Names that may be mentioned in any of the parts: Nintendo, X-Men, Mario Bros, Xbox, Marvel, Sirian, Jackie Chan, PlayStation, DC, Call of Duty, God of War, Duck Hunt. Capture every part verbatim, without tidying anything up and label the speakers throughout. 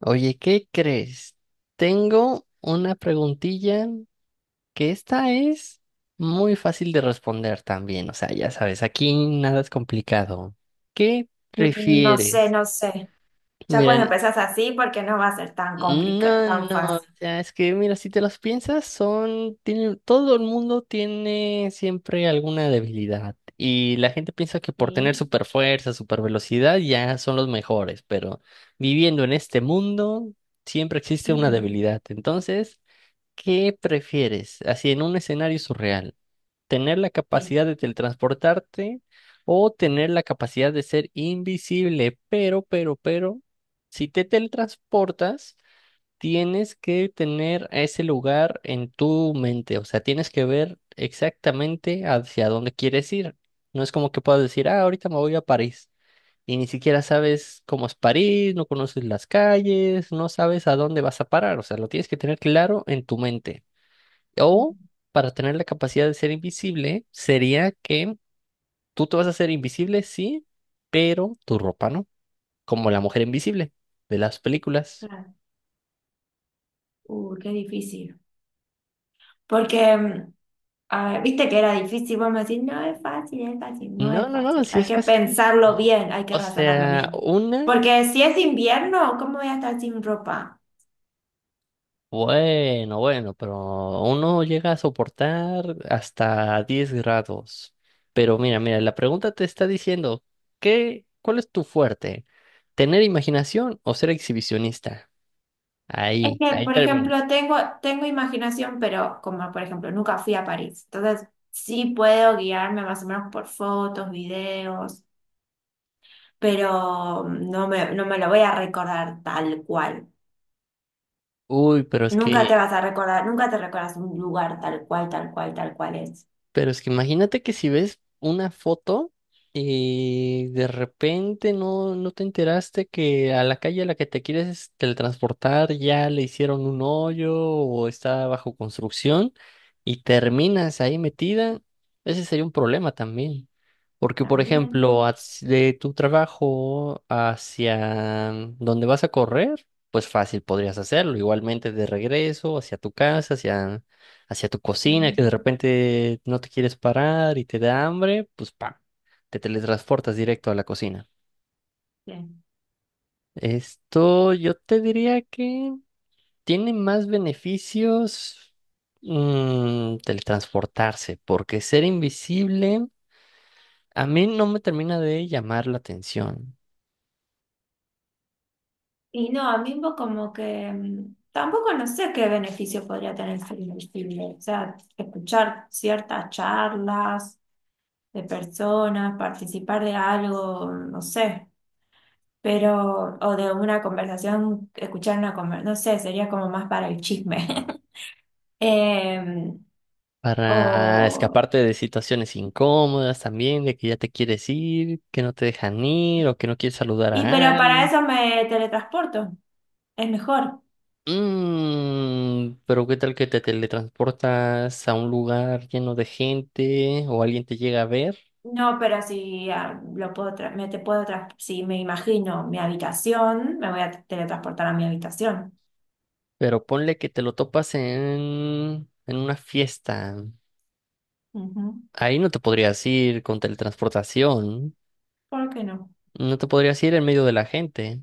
Speaker 1: Oye, ¿qué crees? Tengo una preguntilla que esta es muy fácil de responder también. O sea, ya sabes, aquí nada es complicado. ¿Qué
Speaker 2: Mm, No sé,
Speaker 1: prefieres?
Speaker 2: no sé. Ya cuando
Speaker 1: Miren,
Speaker 2: empezás así, porque no va a ser tan complicado,
Speaker 1: no, no,
Speaker 2: tan
Speaker 1: no, o
Speaker 2: fácil,
Speaker 1: sea, es que mira, si te las piensas, son, tienen, todo el mundo tiene siempre alguna debilidad y la gente piensa que por tener
Speaker 2: ¿sí?
Speaker 1: super fuerza, super velocidad ya son los mejores, pero viviendo en este mundo siempre existe una
Speaker 2: Ujú,
Speaker 1: debilidad. Entonces, ¿qué prefieres? Así en un escenario surreal, ¿tener la
Speaker 2: sí,
Speaker 1: capacidad de teletransportarte o tener la capacidad de ser invisible? Pero, pero, pero, si te teletransportas tienes que tener a ese lugar en tu mente, o sea, tienes que ver exactamente hacia dónde quieres ir. No es como que puedas decir, ah, ahorita me voy a París y ni siquiera sabes cómo es París, no conoces las calles, no sabes a dónde vas a parar, o sea, lo tienes que tener claro en tu mente.
Speaker 2: ujú,
Speaker 1: O para tener la capacidad de ser invisible, sería que tú te vas a hacer invisible, sí, pero tu ropa no, como la mujer invisible de las películas.
Speaker 2: claro. Uh, qué difícil. Porque, mm, a ver, viste que era difícil, vos me decís, no es fácil, es fácil, no
Speaker 1: No,
Speaker 2: es
Speaker 1: no, no,
Speaker 2: fácil.
Speaker 1: sí
Speaker 2: Hay
Speaker 1: es
Speaker 2: que
Speaker 1: fácil.
Speaker 2: pensarlo
Speaker 1: No.
Speaker 2: bien, hay que
Speaker 1: O
Speaker 2: razonarlo
Speaker 1: sea,
Speaker 2: bien.
Speaker 1: una,
Speaker 2: Porque si es invierno, ¿cómo voy a estar sin ropa?
Speaker 1: bueno, bueno, pero uno llega a soportar hasta diez grados. Pero mira, mira, la pregunta te está diciendo, ¿qué, cuál es tu fuerte? ¿Tener imaginación o ser exhibicionista?
Speaker 2: Es
Speaker 1: Ahí,
Speaker 2: que,
Speaker 1: ahí
Speaker 2: por
Speaker 1: termina.
Speaker 2: ejemplo, tengo, tengo imaginación, pero como, por ejemplo, nunca fui a París. Entonces, sí puedo guiarme más o menos por fotos, videos, pero no me, no me lo voy a recordar tal cual.
Speaker 1: Uy, pero es
Speaker 2: Nunca
Speaker 1: que
Speaker 2: te vas a recordar, nunca te recuerdas un lugar tal cual, tal cual, tal cual es.
Speaker 1: pero es que imagínate que si ves una foto y de repente no, no te enteraste que a la calle a la que te quieres teletransportar ya le hicieron un hoyo o está bajo construcción y terminas ahí metida, ese sería un problema también. Porque, por
Speaker 2: También.
Speaker 1: ejemplo, haz- de tu trabajo hacia donde vas a correr, pues fácil podrías hacerlo. Igualmente de regreso, hacia tu casa, hacia hacia tu cocina, que de
Speaker 2: Ujú.
Speaker 1: repente no te quieres parar y te da hambre, pues ¡pam! Te teletransportas directo a la cocina.
Speaker 2: Bien.
Speaker 1: Esto yo te diría que tiene más beneficios, mm, teletransportarse, porque ser invisible a mí no me termina de llamar la atención.
Speaker 2: Y no, a mí un como que mm, tampoco no sé qué beneficio podría tener el cine. O sea, escuchar ciertas charlas de personas, participar de algo, no sé. Pero, o de una conversación, escuchar una conversación, no sé, sería como más para el chisme. Eh,
Speaker 1: Para
Speaker 2: o,
Speaker 1: escaparte de situaciones incómodas también, de que ya te quieres ir, que no te dejan ir o que no quieres saludar
Speaker 2: y pero
Speaker 1: a
Speaker 2: para
Speaker 1: alguien.
Speaker 2: eso me teletransporto. Es mejor.
Speaker 1: Mm, pero ¿qué tal que te teletransportas a un lugar lleno de gente o alguien te llega a ver?
Speaker 2: No, pero si ah, lo puedo tra- me te puedo tras- Si me imagino mi habitación, me voy a teletransportar a mi habitación.
Speaker 1: Pero ponle que te lo topas en, en una fiesta.
Speaker 2: Ujú.
Speaker 1: Ahí no te podrías ir con teletransportación.
Speaker 2: ¿Por qué no?
Speaker 1: No te podrías ir en medio de la gente.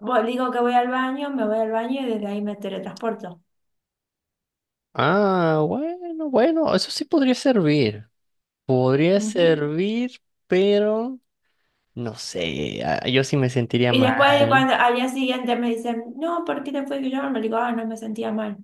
Speaker 2: Voy- digo que voy al baño, me voy al baño y desde ahí me teletransporto.
Speaker 1: Ah, bueno, bueno, eso sí podría servir. Podría
Speaker 2: Ujú.
Speaker 1: servir, pero no sé, ah, yo sí me sentiría
Speaker 2: Y después de
Speaker 1: mal.
Speaker 2: cuando al día siguiente me dicen, no, ¿por qué te fue que yo? Me digo, ah, no me sentía mal.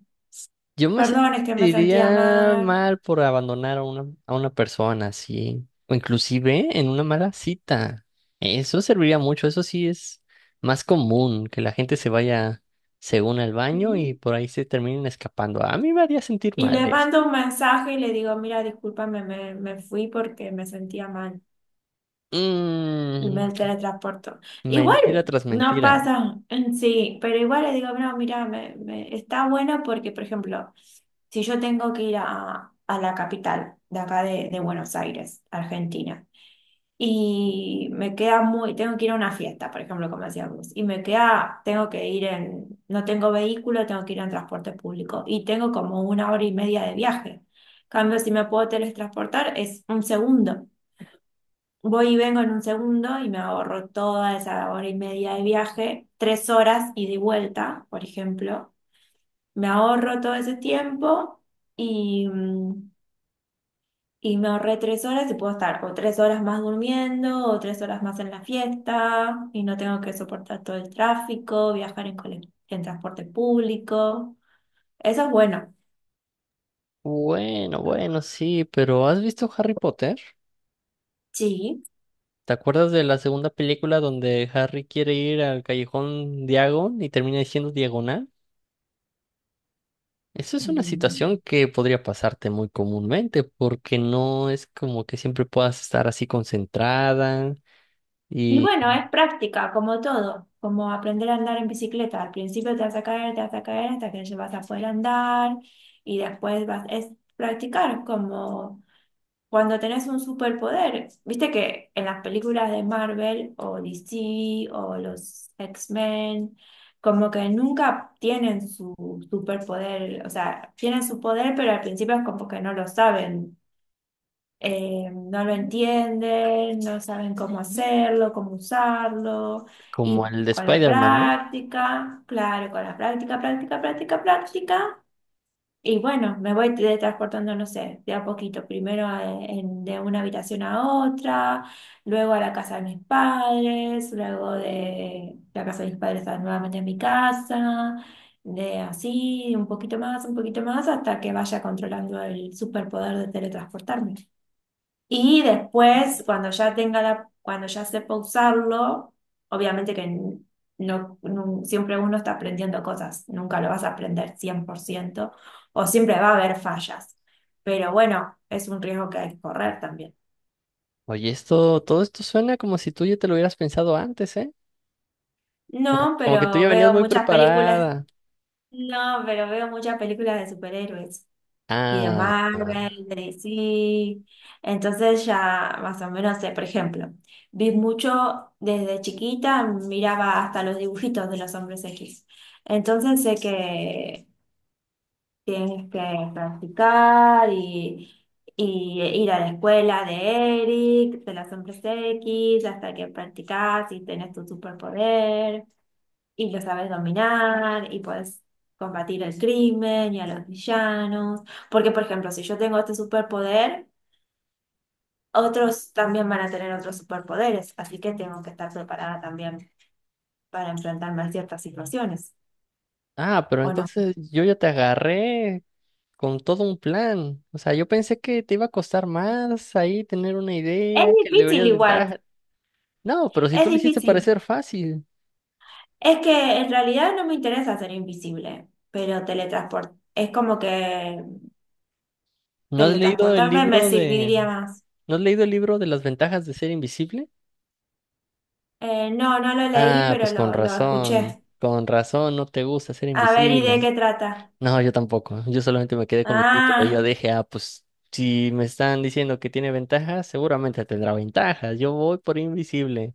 Speaker 1: Yo me
Speaker 2: Perdón, es que me sentía
Speaker 1: sentiría
Speaker 2: mal.
Speaker 1: mal por abandonar a una, a una persona, así, o inclusive en una mala cita. Eso serviría mucho. Eso sí es más común, que la gente se vaya según al baño
Speaker 2: Ujú.
Speaker 1: y por ahí se terminen escapando. A mí me haría sentir
Speaker 2: Y
Speaker 1: mal
Speaker 2: le
Speaker 1: eso.
Speaker 2: mando un mensaje y le digo, mira, discúlpame, me, me fui porque me sentía mal y me
Speaker 1: Mm,
Speaker 2: teletransporto.
Speaker 1: mentira
Speaker 2: Igual
Speaker 1: tras
Speaker 2: no
Speaker 1: mentira.
Speaker 2: pasa en sí, pero igual le digo, no, mira, me, me- está bueno porque, por ejemplo, si yo tengo que ir a, a la capital de acá de, de Buenos Aires, Argentina y me queda muy, tengo que ir a una fiesta, por ejemplo, como decía vos, y me queda, tengo que ir en, no tengo vehículo, tengo que ir en transporte público y tengo como una hora y media de viaje. Cambio, si me puedo teletransportar, es un segundo. Voy y vengo en un segundo y me ahorro toda esa hora y media de viaje, tres horas ida y de vuelta, por ejemplo. Me ahorro todo ese tiempo y, mm, y me ahorré tres horas y puedo estar o tres horas más durmiendo o tres horas más en la fiesta y no tengo que soportar todo el tráfico, viajar en, cole- en transporte público. Eso es bueno.
Speaker 1: Bueno, bueno, sí, pero ¿has visto Harry Potter?
Speaker 2: Sí.
Speaker 1: ¿Te acuerdas de la segunda película donde Harry quiere ir al callejón Diagon y termina diciendo diagonal? Eso es una
Speaker 2: Mm.
Speaker 1: situación que podría pasarte muy comúnmente porque no es como que siempre puedas estar así concentrada
Speaker 2: Y
Speaker 1: y
Speaker 2: bueno, es práctica, como todo, como aprender a andar en bicicleta. Al principio te vas a caer, te vas a caer hasta que ya vas a poder andar y después vas, es practicar como... Cuando tenés un superpoder, viste que en las películas de Marvel o D C o los X-Men, como que nunca tienen su superpoder, o sea, tienen su poder, pero al principio es como que no lo saben, eh, no lo entienden, no saben cómo hacerlo, cómo usarlo,
Speaker 1: como
Speaker 2: y
Speaker 1: el de
Speaker 2: con la
Speaker 1: Spider-Man, ¿no?
Speaker 2: práctica, claro, con la práctica, práctica, práctica, práctica. Y bueno, me voy teletransportando no sé, de a poquito, primero a- en- de una habitación a otra, luego a la casa de mis padres, luego de la casa de mis padres a- nuevamente a mi casa, de así, un poquito más, un poquito más, hasta que vaya controlando el superpoder de teletransportarme. Y después, cuando ya tenga la, cuando ya sepa usarlo, obviamente que n- no, nun- siempre uno está aprendiendo cosas, nunca lo vas a aprender cien por ciento o siempre va a haber fallas. Pero bueno, es un riesgo que hay que correr también.
Speaker 1: Oye, esto, todo esto suena como si tú ya te lo hubieras pensado antes, ¿eh? Como,
Speaker 2: No,
Speaker 1: como que tú
Speaker 2: pero
Speaker 1: ya venías
Speaker 2: veo
Speaker 1: muy
Speaker 2: muchas películas,
Speaker 1: preparada.
Speaker 2: no, pero veo muchas películas de superhéroes. Y de
Speaker 1: Ah, ah,
Speaker 2: Marvel, de D C. Entonces ya más o menos sé, por ejemplo, vi mucho desde chiquita, miraba hasta los dibujitos de los hombres X. Entonces sé que tienes que practicar y, y ir a la escuela de Eric, de los hombres X, hasta que practicas y tenés tu superpoder y lo sabes dominar y puedes combatir el crimen y a los villanos. Porque, por ejemplo, si yo tengo este superpoder, otros también van a tener otros superpoderes, así que tengo que estar preparada también para enfrentarme a ciertas situaciones,
Speaker 1: ah, pero
Speaker 2: ¿o no?
Speaker 1: entonces yo ya te agarré con todo un plan. O sea, yo pensé que te iba a costar más ahí tener una
Speaker 2: Es
Speaker 1: idea, que le
Speaker 2: difícil
Speaker 1: deberías de
Speaker 2: igual,
Speaker 1: dar. No, pero si
Speaker 2: es
Speaker 1: tú lo hiciste
Speaker 2: difícil.
Speaker 1: parecer fácil.
Speaker 2: Es que en realidad no me interesa ser invisible, pero teletransport es como que
Speaker 1: ¿No has leído el
Speaker 2: teletransportarme me
Speaker 1: libro de...
Speaker 2: serviría más.
Speaker 1: ¿No has leído el libro de las ventajas de ser invisible?
Speaker 2: Eh, no, no lo leí,
Speaker 1: Ah,
Speaker 2: pero
Speaker 1: pues con
Speaker 2: lo, lo
Speaker 1: razón,
Speaker 2: escuché.
Speaker 1: con razón, no te gusta ser
Speaker 2: A ver, ¿y de
Speaker 1: invisible.
Speaker 2: qué trata?
Speaker 1: No, yo tampoco, yo solamente me quedé con el título y yo
Speaker 2: Ah,
Speaker 1: dije, ah, pues si me están diciendo que tiene ventajas, seguramente tendrá ventajas, yo voy por invisible.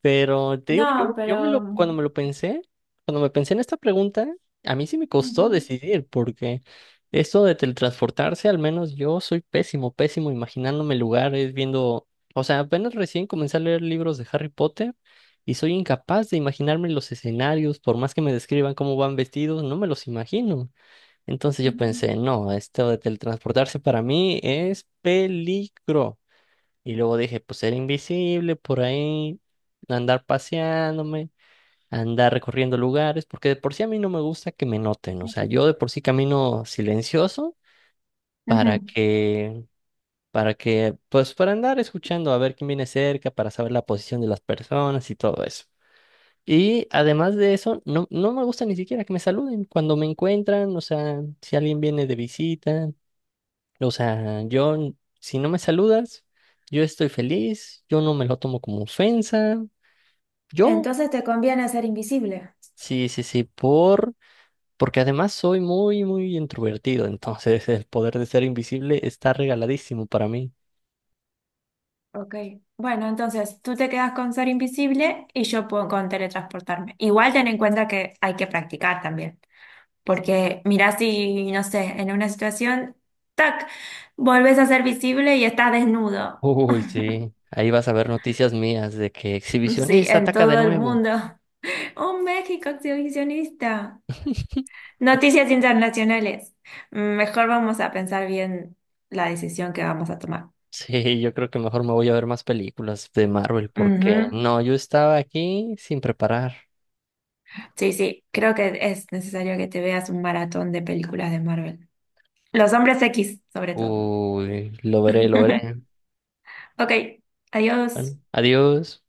Speaker 1: Pero te digo, yo,
Speaker 2: no,
Speaker 1: yo me
Speaker 2: pero...
Speaker 1: lo, cuando me lo pensé, cuando me pensé en esta pregunta, a mí sí me
Speaker 2: ujú,
Speaker 1: costó decidir, porque esto de teletransportarse, al menos yo soy pésimo, pésimo imaginándome lugares, viendo, o sea, apenas recién comencé a leer libros de Harry Potter y soy incapaz de imaginarme los escenarios, por más que me describan cómo van vestidos, no me los imagino. Entonces yo
Speaker 2: ujú.
Speaker 1: pensé, no, esto de teletransportarse para mí es peligro. Y luego dije, pues ser invisible por ahí, andar paseándome, andar recorriendo lugares, porque de por sí a mí no me gusta que me noten, o sea, yo de por sí camino silencioso para
Speaker 2: Ujú.
Speaker 1: que, para que, pues para andar escuchando a ver quién viene cerca, para saber la posición de las personas y todo eso. Y además de eso, no, no me gusta ni siquiera que me saluden cuando me encuentran, o sea, si alguien viene de visita. O sea, yo, si no me saludas, yo estoy feliz, yo no me lo tomo como ofensa. Yo,
Speaker 2: Entonces te conviene ser invisible.
Speaker 1: sí, sí, sí, por, porque además soy muy, muy introvertido, entonces el poder de ser invisible está regaladísimo para mí.
Speaker 2: Ok. Bueno, entonces tú te quedas con ser invisible y yo puedo con teletransportarme. Igual ten en cuenta que hay que practicar también, porque mirá si, no sé, en una situación, tac, volvés a ser visible y estás desnudo.
Speaker 1: Uy, sí, ahí vas a ver noticias mías de que
Speaker 2: Sí,
Speaker 1: exhibicionista
Speaker 2: en
Speaker 1: ataca de
Speaker 2: todo el
Speaker 1: nuevo.
Speaker 2: mundo. Un México exhibicionista. Noticias internacionales. Mm, Mejor vamos a pensar bien la decisión que vamos a tomar.
Speaker 1: Sí, yo creo que mejor me voy a ver más películas de Marvel porque
Speaker 2: Ujú.
Speaker 1: no, yo estaba aquí sin preparar.
Speaker 2: Sí, sí, creo que es necesario que te veas un maratón de películas de Marvel. Los hombres X, sobre todo.
Speaker 1: Uy, lo veré, lo veré.
Speaker 2: Ok, adiós.
Speaker 1: Bueno, adiós.